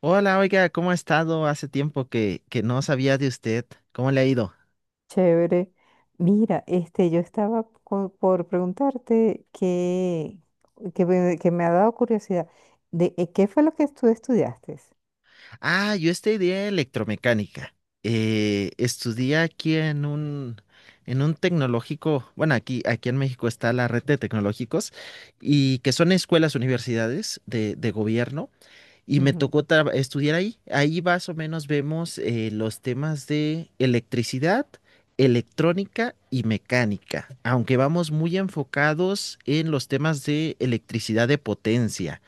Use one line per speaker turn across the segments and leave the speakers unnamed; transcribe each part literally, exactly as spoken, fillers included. Hola, oiga, ¿cómo ha estado? Hace tiempo que, que no sabía de usted. ¿Cómo le ha ido?
Chévere. Mira, este, yo estaba co- por preguntarte que, que, me que me ha dado curiosidad de eh, qué fue lo que tú estudiaste.
Ah, yo estudié electromecánica. Eh, estudié aquí en un, en un tecnológico, bueno, aquí, aquí en México está la red de tecnológicos, y que son escuelas, universidades de, de gobierno. Y me
Ujú.
tocó tra- estudiar ahí. Ahí más o menos vemos eh, los temas de electricidad, electrónica y mecánica, aunque vamos muy enfocados en los temas de electricidad de potencia.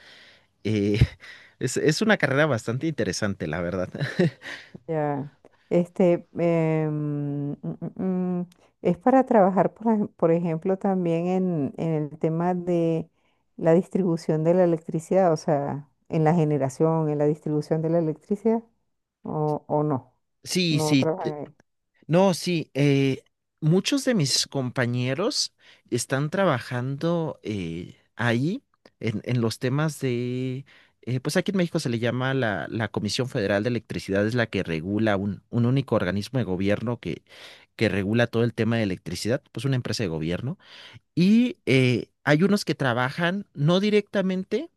Eh, es, es una carrera bastante interesante, la verdad.
Ya. Este, em, mm, mm, mm, es para trabajar, por, ej- por ejemplo, también en, en el tema de la distribución de la electricidad, o sea, en la generación, en la distribución de la electricidad, o, o no,
Sí,
no
sí.
trabajan ahí.
No, sí, eh, muchos de mis compañeros están trabajando eh, ahí en, en los temas de, eh, pues aquí en México se le llama la, la Comisión Federal de Electricidad, es la que regula un, un único organismo de gobierno que, que regula todo el tema de electricidad, pues una empresa de gobierno. Y eh, hay unos que trabajan no directamente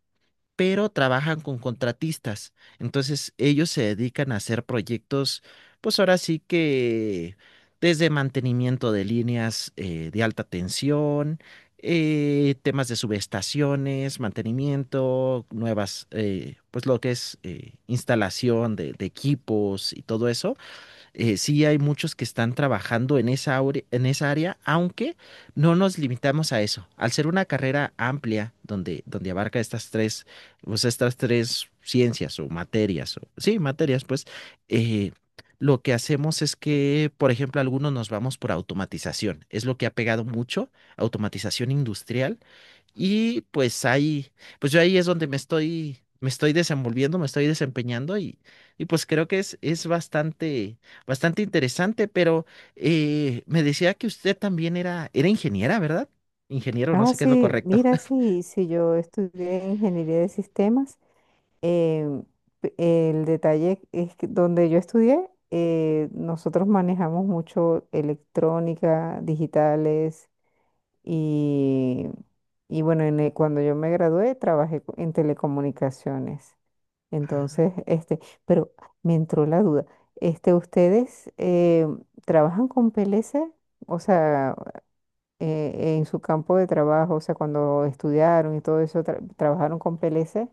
pero trabajan con contratistas. Entonces, ellos se dedican a hacer proyectos, pues ahora sí que desde mantenimiento de líneas eh, de alta tensión, eh, temas de subestaciones, mantenimiento, nuevas, eh, pues lo que es eh, instalación de, de equipos y todo eso, eh, sí hay muchos que están trabajando en esa, aure- en esa área, aunque no nos limitamos a eso. Al ser una carrera amplia donde, donde abarca estas tres, pues estas tres ciencias o materias, o, sí, materias, pues, eh, lo que hacemos es que, por ejemplo, algunos nos vamos por automatización. Es lo que ha pegado mucho, automatización industrial, y pues ahí, pues yo ahí es donde me estoy, me estoy desenvolviendo, me estoy desempeñando, y, y pues creo que es, es bastante, bastante interesante, pero eh, me decía que usted también era, era ingeniera, ¿verdad? Ingeniero, no
Ah,
sé qué es lo
sí,
correcto.
mira, sí, sí, yo estudié ingeniería de sistemas. em, p- el detalle es que donde yo estudié, eh, nosotros manejamos mucho electrónica, digitales y, y bueno, en el- cuando yo me gradué trabajé co- en telecomunicaciones.
Ah,
Entonces, este, pero me entró la duda. Este, ¿ustedes em, trabajan con P L C? O sea, eh, en su campo de trabajo, o sea, cuando estudiaron y todo eso, tra- trabajaron con P L C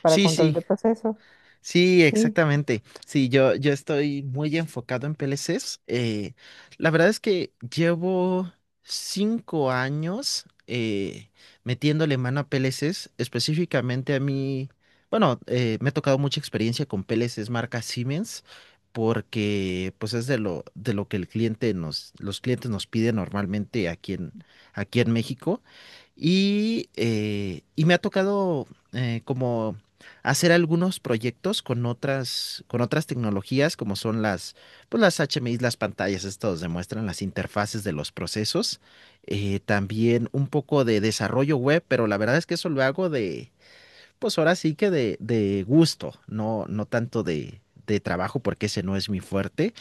para
sí,
control
sí.
de procesos.
Sí,
Sí,
exactamente. Sí, yo, yo estoy muy enfocado en P L Cs. Eh, la verdad es que llevo cinco años eh, metiéndole mano a P L Cs, específicamente a mí. Bueno, eh, me ha tocado mucha experiencia con P L Cs marca Siemens, porque pues es de lo, de lo que el cliente nos, los clientes nos piden normalmente aquí en, aquí en México. Y, eh, y me ha tocado eh, como hacer algunos proyectos con otras, con otras tecnologías, como son las, pues las H M I, las pantallas, estos demuestran las interfaces de los procesos. Eh, también un poco de desarrollo web, pero la verdad es que eso lo hago de, pues ahora sí que de, de gusto, no, no tanto de, de trabajo, porque ese no es mi fuerte.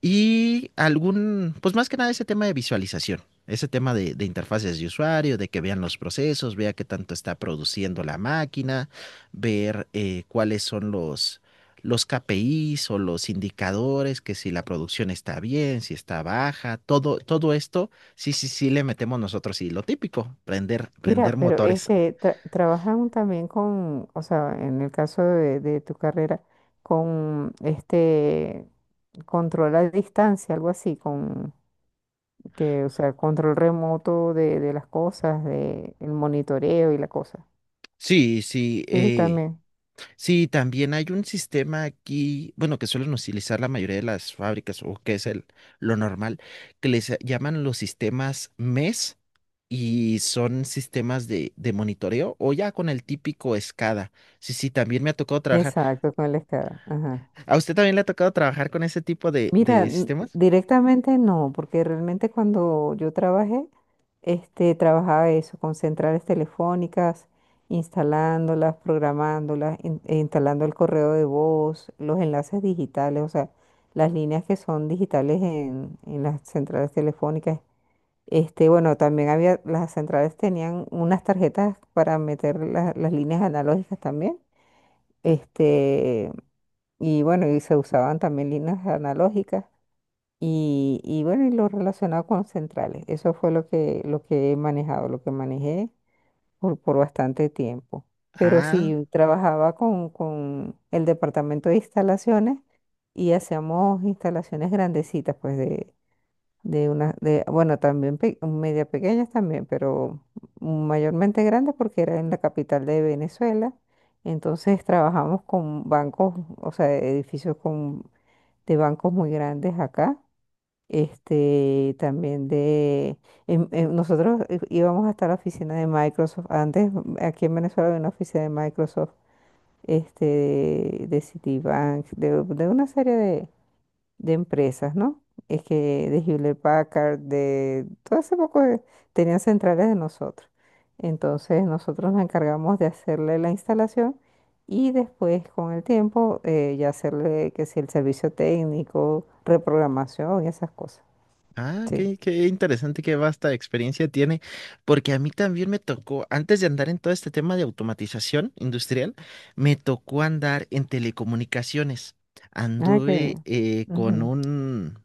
Y algún, pues más que nada ese tema de visualización, ese tema de, de interfaces de usuario, de que vean los procesos, vea qué tanto está produciendo la máquina, ver eh, cuáles son los, los K P Is o los indicadores, que si la producción está bien, si está baja, todo, todo esto, sí, sí, sí le metemos nosotros y lo típico, prender,
mira,
prender
pero
motores.
este, tra- trabajan también con, o sea, en el caso de, de tu carrera, con este control a distancia, algo así, con que, o sea, control remoto de, de las cosas, de el monitoreo y la cosa.
Sí, sí,
Sí,
eh,
también.
sí, también hay un sistema aquí, bueno, que suelen utilizar la mayoría de las fábricas, o que es el, lo normal, que les eh, llaman los sistemas M E S, y son sistemas de, de monitoreo o ya con el típico SCADA. Sí, sí, también me ha tocado trabajar.
Exacto, con la escala. Ajá.
¿A usted también le ha tocado trabajar con ese tipo de,
Mira,
de
n-
sistemas?
directamente no, porque realmente cuando yo trabajé, este, trabajaba eso, con centrales telefónicas, instalándolas, programándolas, in- e instalando el correo de voz, los enlaces digitales, o sea, las líneas que son digitales en, en las centrales telefónicas. Este, bueno, también había, las centrales tenían unas tarjetas para meter la- las líneas analógicas también. Este, y bueno, y se usaban también líneas analógicas. Y, y bueno, y lo relacionado con centrales. Eso fue lo que, lo que he manejado, lo que manejé por, por bastante tiempo. Pero
Ah.
sí, trabajaba con, con el departamento de instalaciones y hacíamos instalaciones grandecitas, pues de, de una, de, bueno, también pe- media pequeñas también, pero mayormente grandes porque era en la capital de Venezuela. Entonces trabajamos con bancos, o sea, edificios con, de bancos muy grandes acá este, también de, en- en- nosotros eh, íbamos hasta la oficina de Microsoft. Antes, mm, aquí en Venezuela había una oficina de Microsoft, este, de Citibank, de, de una serie de, de empresas, ¿no? Es que de Hewlett Packard, de todo ese poco de- tenían centrales de nosotros. Entonces, nosotros nos encargamos de hacerle la instalación y después, con el tiempo, eh, ya hacerle que si el servicio técnico, reprogramación y esas cosas.
Ah,
Sí.
qué, qué interesante, qué vasta experiencia tiene, porque a mí también me tocó, antes de andar en todo este tema de automatización industrial, me tocó andar en telecomunicaciones.
Ah, qué
Anduve
bien.
eh, con
Ujú.
un,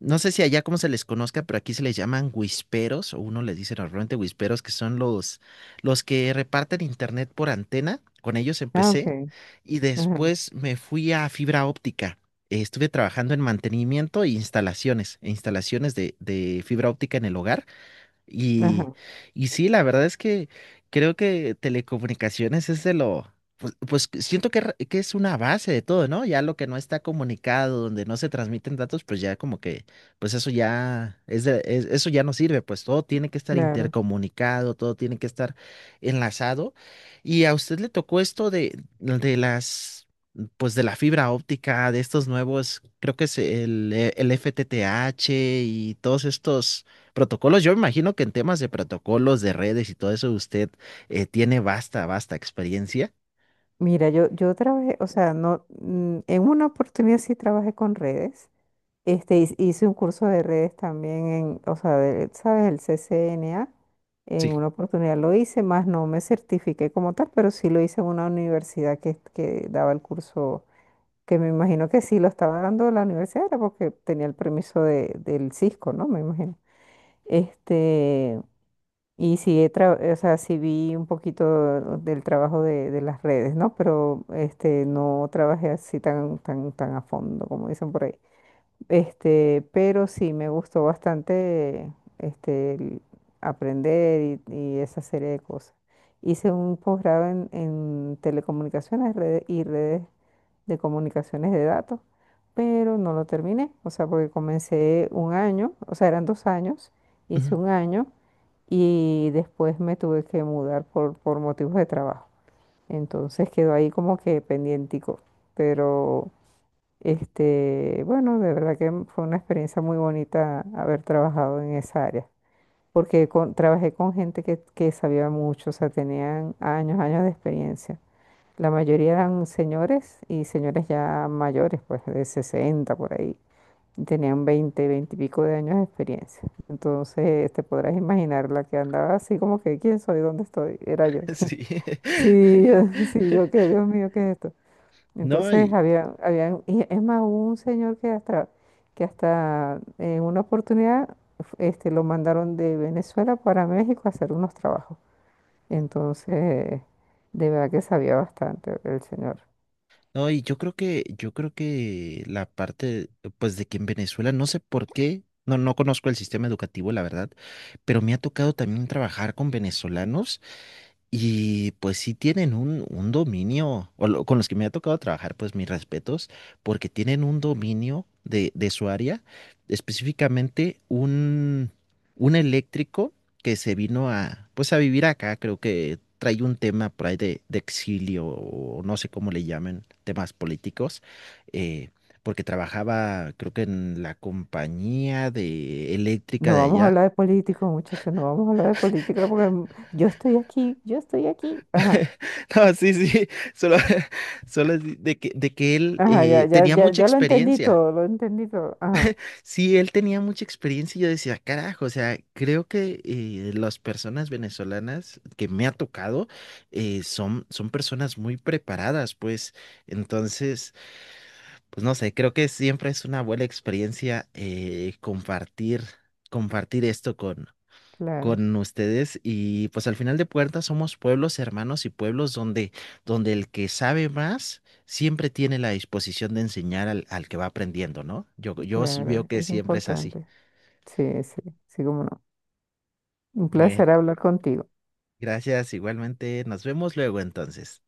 no sé si allá cómo se les conozca, pero aquí se les llaman whisperos, o uno les dice normalmente whisperos, que son los, los que reparten internet por antena. Con ellos
Ah,
empecé,
ok.
y
Ajá,
después me fui a fibra óptica. Eh, Estuve trabajando en mantenimiento e instalaciones, e instalaciones, de, de fibra óptica en el hogar. Y,
ajá,
y sí, la verdad es que creo que telecomunicaciones es de lo, pues, pues que siento que, re- que es una base de todo, ¿no? Ya lo que no está comunicado, donde no se transmiten datos, pues ya como que, pues eso ya es de- es- eso ya no sirve, pues todo tiene que estar
claro.
intercomunicado, todo tiene que estar enlazado. Y a usted le tocó esto de, de las, pues de la fibra óptica, de estos nuevos, creo que es el, el F T T H y todos estos protocolos. Yo imagino que en temas de protocolos, de redes y todo eso, usted eh, tiene vasta, vasta experiencia.
Mira, yo, yo trabajé, o sea, no, mm, en una oportunidad sí trabajé con redes. Este, hice hice un curso de redes también en, o sea, ¿de- sabes? El C C N A. En
Sí.
una oportunidad lo hice, más no me certifiqué como tal, pero sí lo hice en una universidad que, que daba el curso, que me imagino que sí lo estaba dando la universidad, era porque tenía el permiso de, del Cisco, ¿no? Me imagino. Este. Y sí, he tra- o sea, sí vi un poquito del trabajo de, de las redes, ¿no? Pero este, no trabajé así tan, tan, tan a fondo, como dicen por ahí. Este, pero sí, me gustó bastante este, el aprender y, y esa serie de cosas. Hice un posgrado en, en telecomunicaciones rede- y redes de comunicaciones de datos, pero no lo terminé, o sea, porque comencé un año, o sea, eran dos años, hice
Ujú.
un año y después me tuve que mudar por, por motivos de trabajo. Entonces quedó ahí como que pendientico, pero... Este, bueno, de verdad que fue una experiencia muy bonita haber trabajado en esa área, porque con- trabajé con gente que, que sabía mucho, o sea, tenían años, años de experiencia. La mayoría eran señores y señores ya mayores, pues de sesenta por ahí. Y tenían veinte, veinte y pico de años de experiencia. Entonces, te podrás imaginar la que andaba así como que, ¿quién soy? ¿Dónde estoy? Era yo.
Sí.
Sí, sí, yo qué, Dios mío, ¿qué es esto?
No,
Entonces
y,
había, había, y es más, hubo un señor que hasta, que hasta en una oportunidad este, lo mandaron de Venezuela para México a hacer unos trabajos. Entonces, de verdad que sabía bastante el señor.
no, y yo creo que, yo creo que la parte, pues, de que en Venezuela, no sé por qué, no, no conozco el sistema educativo, la verdad, pero me ha tocado también trabajar con venezolanos. Y pues sí tienen un, un, dominio, o lo- con los que me ha tocado trabajar, pues mis respetos, porque tienen un dominio de, de su área, específicamente un, un, eléctrico que se vino a, pues a vivir acá, creo que trae un tema por ahí de, de exilio, o no sé cómo le llamen, temas políticos, eh, porque trabajaba, creo que en la compañía de eléctrica
No
de
vamos a
allá.
hablar de políticos, muchachos, no vamos a hablar de política porque mm, yo estoy aquí, yo estoy aquí. Ajá,
No, sí, sí, solo, solo es de que, de que él
ajá, ya,
eh,
ya,
tenía
ya,
mucha
ya lo entendí
experiencia.
todo, lo entendí todo. Ajá,
Sí, él tenía mucha experiencia y yo decía, carajo, o sea, creo que eh, las personas venezolanas que me ha tocado, eh, son, son personas muy preparadas, pues entonces, pues no sé, creo que siempre es una buena experiencia, eh, compartir, compartir esto
claro,
con ustedes, y pues al final de puertas somos pueblos hermanos y pueblos donde, donde el que sabe más siempre tiene la disposición de enseñar al, al que va aprendiendo, ¿no? Yo, yo s- veo
claro,
que
es
siempre es así.
importante. Sí, sí, sí, cómo no. Un
Bueno,
placer hablar contigo.
gracias igualmente. Nos vemos luego entonces.